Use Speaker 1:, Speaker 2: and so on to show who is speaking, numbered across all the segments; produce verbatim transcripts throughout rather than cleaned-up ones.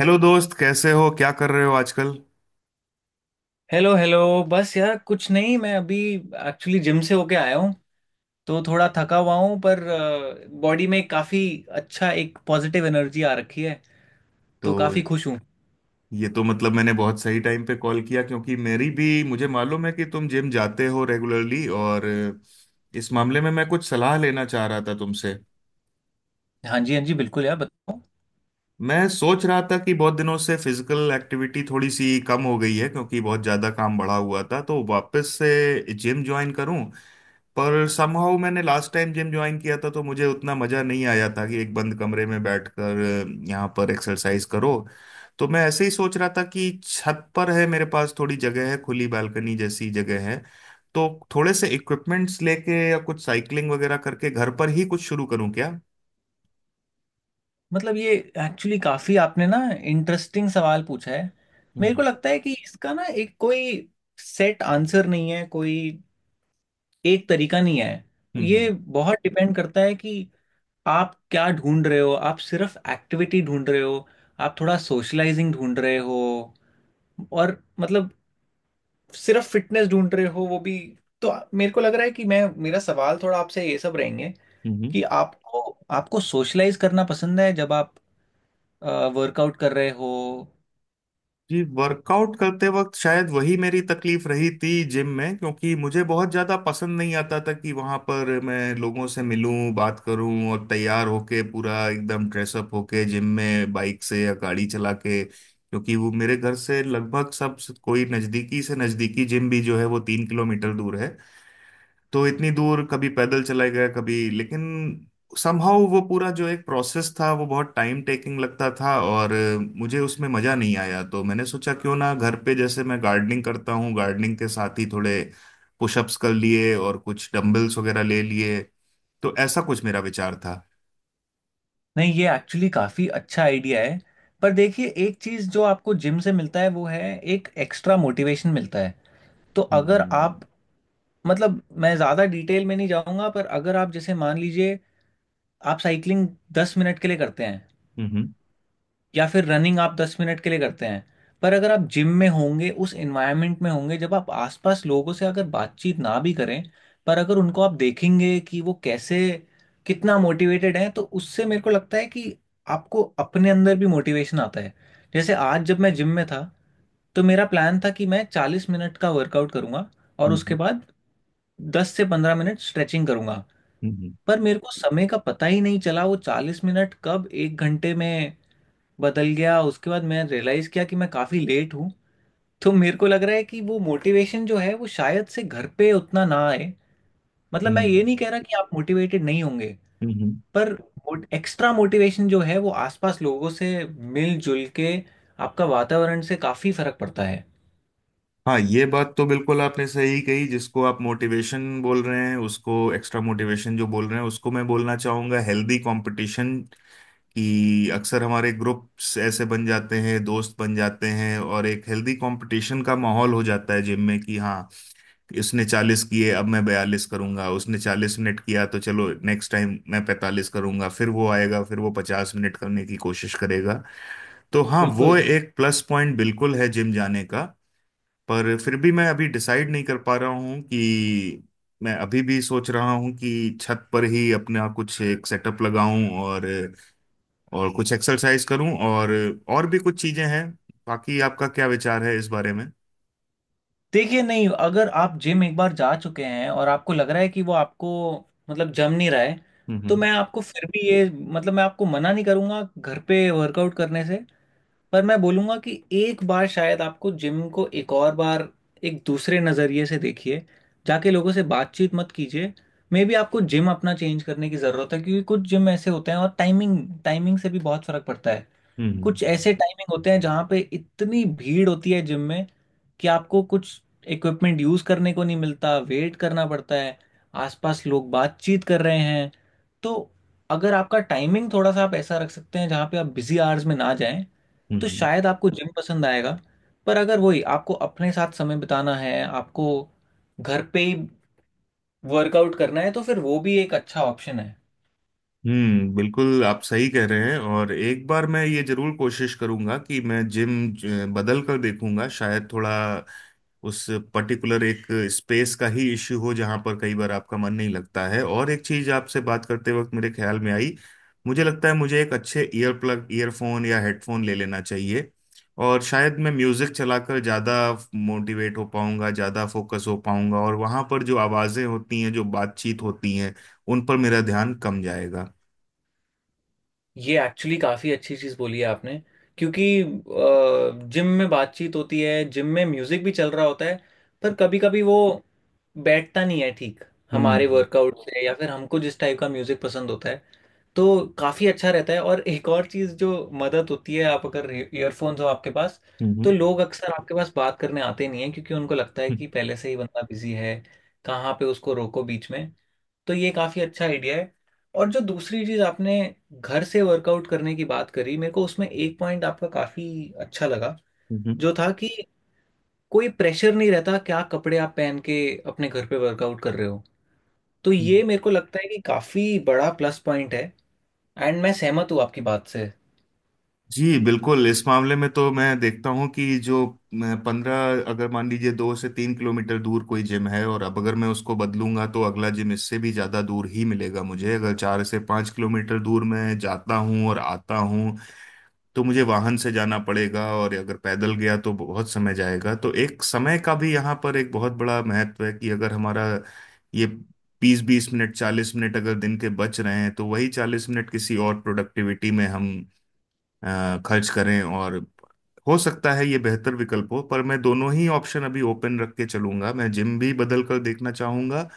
Speaker 1: Hello दोस्त, कैसे हो? क्या कर रहे हो आजकल?
Speaker 2: Hello, hello. बस यार कुछ नहीं, मैं अभी एक्चुअली जिम से होके आया हूँ। तो थोड़ा थका हुआ हूँ, पर बॉडी में काफ़ी अच्छा एक पॉजिटिव एनर्जी आ रखी है,
Speaker 1: तो
Speaker 2: तो काफ़ी खुश हूँ।
Speaker 1: ये तो मतलब मैंने बहुत सही टाइम पे कॉल किया, क्योंकि मेरी भी मुझे मालूम है कि तुम जिम जाते हो रेगुलरली, और इस मामले में मैं कुछ सलाह लेना चाह रहा था तुमसे।
Speaker 2: हाँ जी, हाँ जी, बिल्कुल यार, बताओ।
Speaker 1: मैं सोच रहा था कि बहुत दिनों से फिजिकल एक्टिविटी थोड़ी सी कम हो गई है, क्योंकि बहुत ज़्यादा काम बढ़ा हुआ था, तो वापस से जिम ज्वाइन करूं। पर समहाउ मैंने लास्ट टाइम जिम ज्वाइन किया था तो मुझे उतना मजा नहीं आया था कि एक बंद कमरे में बैठकर अ, यहाँ पर एक्सरसाइज करो। तो मैं ऐसे ही सोच रहा था कि छत पर है, मेरे पास थोड़ी जगह है, खुली बालकनी जैसी जगह है, तो थोड़े से इक्विपमेंट्स लेके या कुछ साइकिलिंग वगैरह करके घर पर ही कुछ शुरू करूँ क्या?
Speaker 2: मतलब ये एक्चुअली काफ़ी आपने ना इंटरेस्टिंग सवाल पूछा है। मेरे
Speaker 1: हम्म,
Speaker 2: को लगता है कि इसका ना एक कोई सेट आंसर नहीं है, कोई एक तरीका नहीं है।
Speaker 1: हम्म,
Speaker 2: ये
Speaker 1: हम्म,
Speaker 2: बहुत डिपेंड करता है कि आप क्या ढूंढ रहे हो, आप सिर्फ एक्टिविटी ढूंढ रहे हो, आप थोड़ा सोशलाइजिंग ढूंढ रहे हो, और मतलब सिर्फ फिटनेस ढूंढ रहे हो वो भी। तो मेरे को लग रहा है कि मैं मेरा सवाल थोड़ा आपसे ये सब रहेंगे
Speaker 1: हम्म।
Speaker 2: कि आपको, आपको सोशलाइज करना पसंद है जब आप वर्कआउट कर रहे हो।
Speaker 1: जी, वर्कआउट करते वक्त शायद वही मेरी तकलीफ रही थी जिम में, क्योंकि मुझे बहुत ज़्यादा पसंद नहीं आता था कि वहाँ पर मैं लोगों से मिलूं, बात करूं, और तैयार होके, पूरा एकदम ड्रेसअप होके जिम में बाइक से या गाड़ी चला के, क्योंकि वो मेरे घर से लगभग सब, कोई नज़दीकी से नज़दीकी जिम भी जो है वो तीन किलोमीटर दूर है। तो इतनी दूर कभी पैदल चले गए कभी, लेकिन समहाउ वो पूरा जो एक प्रोसेस था वो बहुत टाइम टेकिंग लगता था, और अ, मुझे उसमें मजा नहीं आया। तो मैंने सोचा क्यों ना घर पे, जैसे मैं गार्डनिंग करता हूँ, गार्डनिंग के साथ ही थोड़े पुशअप्स कर लिए और कुछ डंबल्स वगैरह ले लिए, तो ऐसा कुछ मेरा विचार था।
Speaker 2: नहीं, ये एक्चुअली काफ़ी अच्छा आइडिया है। पर देखिए, एक चीज़ जो आपको जिम से मिलता है वो है एक एक्स्ट्रा मोटिवेशन मिलता है। तो अगर
Speaker 1: हम्म,
Speaker 2: आप मतलब मैं ज्यादा डिटेल में नहीं जाऊंगा, पर अगर आप जैसे मान लीजिए आप साइकिलिंग दस मिनट के लिए करते हैं
Speaker 1: हम्म,
Speaker 2: या फिर रनिंग आप दस मिनट के लिए करते हैं। पर अगर आप जिम में होंगे, उस एनवायरनमेंट में होंगे, जब आप आसपास लोगों से अगर बातचीत ना भी करें, पर अगर उनको आप देखेंगे कि वो कैसे, कितना मोटिवेटेड है, तो उससे मेरे को लगता है कि आपको अपने अंदर भी मोटिवेशन आता है। जैसे आज जब मैं जिम में था तो मेरा प्लान था कि मैं चालीस मिनट का वर्कआउट करूंगा और उसके
Speaker 1: हम्म,
Speaker 2: बाद दस से पंद्रह मिनट स्ट्रेचिंग करूंगा।
Speaker 1: हम्म,
Speaker 2: पर मेरे को समय का पता ही नहीं चला, वो चालीस मिनट कब एक घंटे में बदल गया, उसके बाद मैं रियलाइज किया कि मैं काफी लेट हूँ। तो मेरे को लग रहा है कि वो मोटिवेशन जो है वो शायद से घर पे उतना ना आए। मतलब मैं ये
Speaker 1: हम्म,
Speaker 2: नहीं कह रहा कि आप मोटिवेटेड नहीं होंगे,
Speaker 1: हम्म, हम्म।
Speaker 2: पर एक्स्ट्रा मोटिवेशन जो है वो आसपास लोगों से मिलजुल के, आपका वातावरण से काफी फर्क पड़ता है।
Speaker 1: हाँ, ये बात तो बिल्कुल आपने सही कही। जिसको आप मोटिवेशन बोल रहे हैं, उसको एक्स्ट्रा मोटिवेशन जो बोल रहे हैं, उसको मैं बोलना चाहूंगा हेल्दी कंपटीशन। कि अक्सर हमारे ग्रुप्स ऐसे बन जाते हैं, दोस्त बन जाते हैं, और एक हेल्दी कंपटीशन का माहौल हो जाता है जिम में, कि हाँ इसने चालीस किए, अब मैं बयालीस करूंगा। उसने चालीस मिनट किया तो चलो नेक्स्ट टाइम मैं पैंतालीस करूंगा, फिर वो आएगा, फिर वो पचास मिनट करने की कोशिश करेगा। तो हाँ, वो
Speaker 2: बिल्कुल।
Speaker 1: एक प्लस पॉइंट बिल्कुल है जिम जाने का। पर फिर भी मैं अभी डिसाइड नहीं कर पा रहा हूँ कि मैं अभी भी सोच रहा हूँ कि छत पर ही अपना कुछ एक सेटअप लगाऊं, और और कुछ एक्सरसाइज करूं, और और भी कुछ चीजें हैं। बाकी आपका क्या विचार है इस बारे में?
Speaker 2: देखिए, नहीं अगर आप जिम एक बार जा चुके हैं और आपको लग रहा है कि वो आपको मतलब जम नहीं रहा है,
Speaker 1: हम्म,
Speaker 2: तो
Speaker 1: हम्म,
Speaker 2: मैं आपको फिर भी ये मतलब मैं आपको मना नहीं करूंगा घर पे वर्कआउट करने से। पर मैं बोलूंगा कि एक बार शायद आपको जिम को एक और बार एक दूसरे नज़रिए से देखिए, जाके लोगों से बातचीत मत कीजिए। मे बी आपको जिम अपना चेंज करने की ज़रूरत है, क्योंकि कुछ जिम ऐसे होते हैं और टाइमिंग टाइमिंग से भी बहुत फ़र्क पड़ता है।
Speaker 1: हम्म,
Speaker 2: कुछ ऐसे टाइमिंग होते हैं जहाँ पे इतनी भीड़ होती है जिम में कि आपको कुछ इक्विपमेंट यूज करने को नहीं मिलता, वेट करना पड़ता है, आसपास लोग बातचीत कर रहे हैं। तो अगर आपका टाइमिंग थोड़ा सा आप ऐसा रख सकते हैं जहाँ पे आप बिजी आवर्स में ना जाएं, तो
Speaker 1: हम्म,
Speaker 2: शायद आपको जिम पसंद आएगा। पर अगर वही आपको अपने साथ समय बिताना है, आपको घर पे ही वर्कआउट करना है, तो फिर वो भी एक अच्छा ऑप्शन है।
Speaker 1: हम्म। बिल्कुल, आप सही कह रहे हैं। और एक बार मैं ये जरूर कोशिश करूंगा कि मैं जिम बदल कर देखूंगा, शायद थोड़ा उस पर्टिकुलर एक स्पेस का ही इश्यू हो, जहां पर कई बार आपका मन नहीं लगता है। और एक चीज आपसे बात करते वक्त मेरे ख्याल में आई, मुझे लगता है मुझे एक अच्छे ईयर प्लग, ईयरफोन या हेडफोन ले लेना चाहिए, और शायद मैं म्यूजिक चलाकर ज्यादा मोटिवेट हो पाऊंगा, ज्यादा फोकस हो पाऊंगा, और वहां पर जो आवाजें होती हैं, जो बातचीत होती हैं, उन पर मेरा ध्यान कम जाएगा।
Speaker 2: ये एक्चुअली काफ़ी अच्छी चीज़ बोली है आपने, क्योंकि जिम में बातचीत होती है, जिम में म्यूज़िक भी चल रहा होता है, पर कभी कभी वो बैठता नहीं है ठीक हमारे
Speaker 1: हम्म,
Speaker 2: वर्कआउट से या फिर हमको जिस टाइप का म्यूज़िक पसंद होता है। तो काफ़ी अच्छा रहता है, और एक और चीज़ जो मदद होती है, आप अगर ईयरफोन्स हो आपके पास, तो
Speaker 1: हम्म,
Speaker 2: लोग अक्सर आपके पास बात करने आते नहीं है, क्योंकि उनको लगता है
Speaker 1: हम्म,
Speaker 2: कि पहले से ही बंदा बिजी है, कहाँ पे उसको रोको बीच में। तो ये काफ़ी अच्छा आइडिया है। और जो दूसरी चीज़ आपने घर से वर्कआउट करने की बात करी, मेरे को उसमें एक पॉइंट आपका काफ़ी अच्छा लगा,
Speaker 1: हम्म,
Speaker 2: जो था कि कोई प्रेशर नहीं रहता क्या कपड़े आप पहन के अपने घर पे वर्कआउट कर रहे हो। तो
Speaker 1: हम्म।
Speaker 2: ये मेरे को लगता है कि काफ़ी बड़ा प्लस पॉइंट है। एंड मैं सहमत हूँ आपकी बात से।
Speaker 1: जी बिल्कुल, इस मामले में तो मैं देखता हूँ कि जो पंद्रह अगर मान लीजिए दो से तीन किलोमीटर दूर कोई जिम है, और अब अगर मैं उसको बदलूंगा तो अगला जिम इससे भी ज़्यादा दूर ही मिलेगा मुझे। अगर चार से पाँच किलोमीटर दूर मैं जाता हूँ और आता हूँ तो मुझे वाहन से जाना पड़ेगा, और अगर पैदल गया तो बहुत समय जाएगा। तो एक समय का भी यहाँ पर एक बहुत बड़ा महत्व है, कि अगर हमारा ये बीस बीस मिनट, चालीस मिनट अगर दिन के बच रहे हैं, तो वही चालीस मिनट किसी और प्रोडक्टिविटी में हम अ, खर्च करें, और हो सकता है ये बेहतर विकल्प हो। पर मैं दोनों ही ऑप्शन अभी ओपन रख के चलूंगा। मैं जिम भी बदल कर देखना चाहूंगा,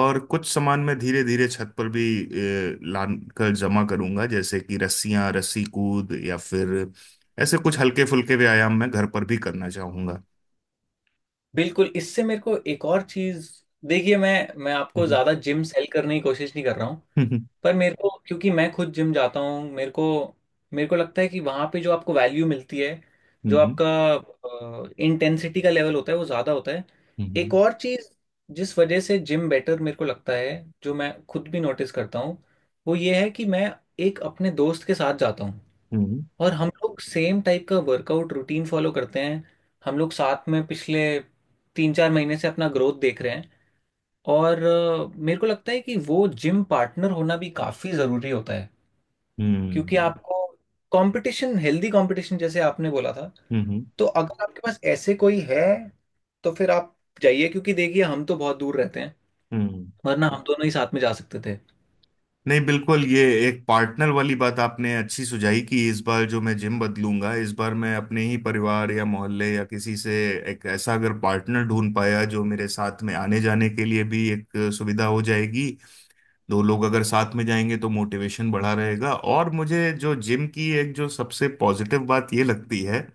Speaker 1: और कुछ सामान मैं धीरे धीरे छत पर भी ला कर जमा करूंगा, जैसे कि रस्सियां, रस्सी कूद, या फिर ऐसे कुछ हल्के फुल्के व्यायाम मैं घर पर भी करना चाहूंगा।
Speaker 2: बिल्कुल। इससे मेरे को एक और चीज़, देखिए मैं मैं आपको
Speaker 1: हम्म,
Speaker 2: ज़्यादा जिम सेल करने की कोशिश नहीं कर रहा हूँ।
Speaker 1: हम्म,
Speaker 2: पर मेरे को, क्योंकि मैं खुद जिम जाता हूँ, मेरे को मेरे को लगता है कि वहाँ पे जो आपको वैल्यू मिलती है, जो
Speaker 1: हम्म,
Speaker 2: आपका इंटेंसिटी का लेवल होता है वो ज़्यादा होता है।
Speaker 1: हम्म,
Speaker 2: एक और चीज़ जिस वजह से जिम बेटर मेरे को लगता है, जो मैं खुद भी नोटिस करता हूँ, वो ये है कि मैं एक अपने दोस्त के साथ जाता हूँ
Speaker 1: हम्म,
Speaker 2: और हम लोग सेम टाइप का वर्कआउट रूटीन फॉलो करते हैं। हम लोग साथ में पिछले तीन चार महीने से अपना ग्रोथ देख रहे हैं। और अ, मेरे को लगता है कि वो जिम पार्टनर होना भी काफी जरूरी होता है, क्योंकि
Speaker 1: हम्म,
Speaker 2: आपको कंपटीशन, हेल्दी कंपटीशन जैसे आपने बोला था।
Speaker 1: हम्म,
Speaker 2: तो अगर आपके पास ऐसे कोई है तो फिर आप जाइए, क्योंकि देखिए हम तो बहुत दूर रहते हैं,
Speaker 1: हम्म।
Speaker 2: वरना हम दोनों ही साथ में जा सकते थे।
Speaker 1: नहीं बिल्कुल, ये एक पार्टनर वाली बात आपने अच्छी सुझाई कि इस बार जो मैं जिम बदलूंगा, इस बार मैं अपने ही परिवार या मोहल्ले या किसी से एक ऐसा अगर पार्टनर ढूंढ पाया, जो मेरे साथ में आने जाने के लिए भी एक सुविधा हो जाएगी। दो लोग अगर साथ में जाएंगे तो मोटिवेशन बढ़ा रहेगा। और मुझे जो जिम की एक जो सबसे पॉजिटिव बात ये लगती है,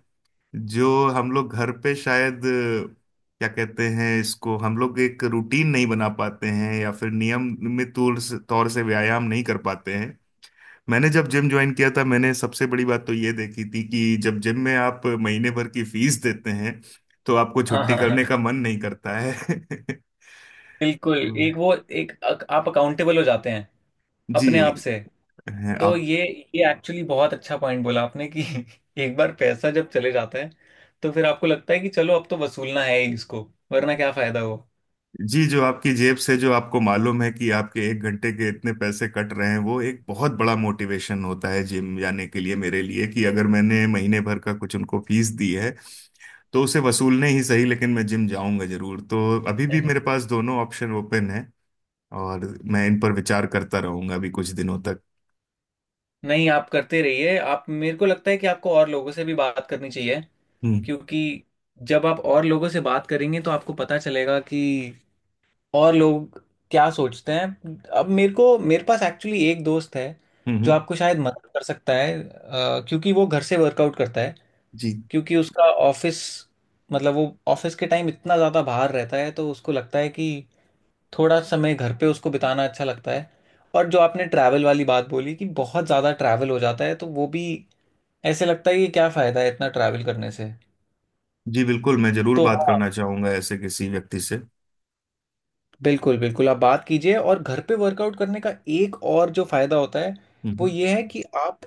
Speaker 1: जो हम लोग घर पे शायद अ, क्या कहते हैं इसको, हम लोग एक रूटीन नहीं बना पाते हैं, या फिर नियमित तौर से तौर से व्यायाम नहीं कर पाते हैं। मैंने जब जिम ज्वाइन किया था, मैंने सबसे बड़ी बात तो ये देखी थी कि जब जिम में आप महीने भर की फीस देते हैं, तो आपको
Speaker 2: हाँ,
Speaker 1: छुट्टी
Speaker 2: हाँ, हाँ,
Speaker 1: करने का मन नहीं करता है।
Speaker 2: बिल्कुल।
Speaker 1: तो।
Speaker 2: एक वो एक अक- आप अकाउंटेबल हो जाते हैं अपने आप
Speaker 1: जी।
Speaker 2: से। तो
Speaker 1: आप।
Speaker 2: ये ये एक्चुअली बहुत अच्छा पॉइंट बोला आपने कि एक बार पैसा जब चले जाता है तो फिर आपको लगता है कि चलो अब तो वसूलना है ही इसको, वरना क्या फायदा हो।
Speaker 1: जी, जो आपकी जेब से, जो आपको मालूम है कि आपके एक घंटे के इतने पैसे कट रहे हैं, वो एक बहुत बड़ा मोटिवेशन होता है जिम जाने के लिए मेरे लिए। कि अगर मैंने महीने भर का कुछ उनको फीस दी है, तो उसे वसूलने ही सही, लेकिन मैं जिम जाऊंगा जरूर। तो अभी भी
Speaker 2: हैं।
Speaker 1: मेरे पास दोनों ऑप्शन ओपन है, और मैं इन पर विचार करता रहूंगा अभी कुछ दिनों तक।
Speaker 2: नहीं, आप करते रहिए। आप, मेरे को लगता है कि आपको और लोगों से भी बात करनी चाहिए,
Speaker 1: हम्म,
Speaker 2: क्योंकि जब आप और लोगों से बात करेंगे तो आपको पता चलेगा कि और लोग क्या सोचते हैं। अब मेरे को, मेरे पास एक्चुअली एक दोस्त है
Speaker 1: हम्म,
Speaker 2: जो
Speaker 1: हम्म।
Speaker 2: आपको शायद मदद कर सकता है, अ, क्योंकि वो घर से वर्कआउट करता है।
Speaker 1: जी।
Speaker 2: क्योंकि उसका ऑफिस, मतलब वो ऑफिस के टाइम इतना ज़्यादा बाहर रहता है, तो उसको लगता है कि थोड़ा समय घर पे उसको बिताना अच्छा लगता है। और जो आपने ट्रैवल वाली बात बोली कि बहुत ज़्यादा ट्रैवल हो जाता है, तो वो भी ऐसे लगता है कि क्या फ़ायदा है इतना ट्रैवल करने से।
Speaker 1: जी बिल्कुल, मैं जरूर
Speaker 2: तो
Speaker 1: बात
Speaker 2: हाँ,
Speaker 1: करना चाहूंगा ऐसे किसी व्यक्ति से।
Speaker 2: बिल्कुल बिल्कुल आप बात कीजिए, और घर पे वर्कआउट करने का एक और जो फ़ायदा होता है, वो
Speaker 1: हम्म,
Speaker 2: ये है कि आप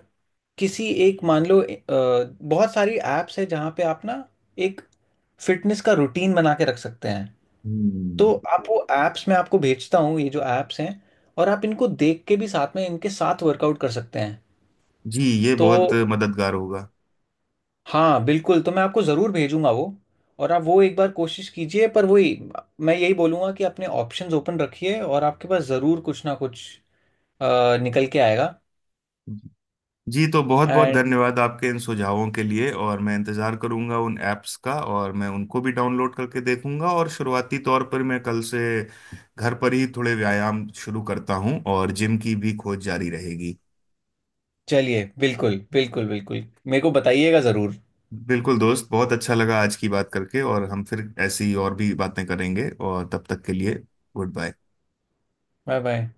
Speaker 2: किसी एक मान लो, अ, बहुत सारी ऐप्स है जहाँ पे आप ना एक फिटनेस का रूटीन बना के रख सकते हैं।
Speaker 1: हम्म।
Speaker 2: तो आप वो ऐप्स मैं आपको भेजता हूँ, ये जो ऐप्स हैं, और आप इनको देख के भी साथ में इनके साथ वर्कआउट कर सकते हैं।
Speaker 1: जी, ये
Speaker 2: तो
Speaker 1: बहुत मददगार होगा।
Speaker 2: हाँ बिल्कुल, तो मैं आपको ज़रूर भेजूंगा वो, और आप वो एक बार कोशिश कीजिए, पर वही मैं यही बोलूँगा कि अपने ऑप्शंस ओपन रखिए और आपके पास ज़रूर कुछ ना कुछ अ, निकल के आएगा।
Speaker 1: जी, तो बहुत बहुत
Speaker 2: एंड
Speaker 1: धन्यवाद आपके इन सुझावों के लिए। और मैं इंतज़ार करूंगा उन ऐप्स का, और मैं उनको भी डाउनलोड करके देखूंगा। और शुरुआती तौर पर मैं कल से घर पर ही थोड़े व्यायाम शुरू करता हूं, और जिम की भी खोज जारी रहेगी।
Speaker 2: चलिए, बिल्कुल बिल्कुल बिल्कुल, मेरे को बताइएगा ज़रूर।
Speaker 1: बिल्कुल दोस्त, बहुत अच्छा लगा आज की बात करके, और हम फिर ऐसी और भी बातें करेंगे, और तब तक के लिए गुड बाय।
Speaker 2: Bye bye.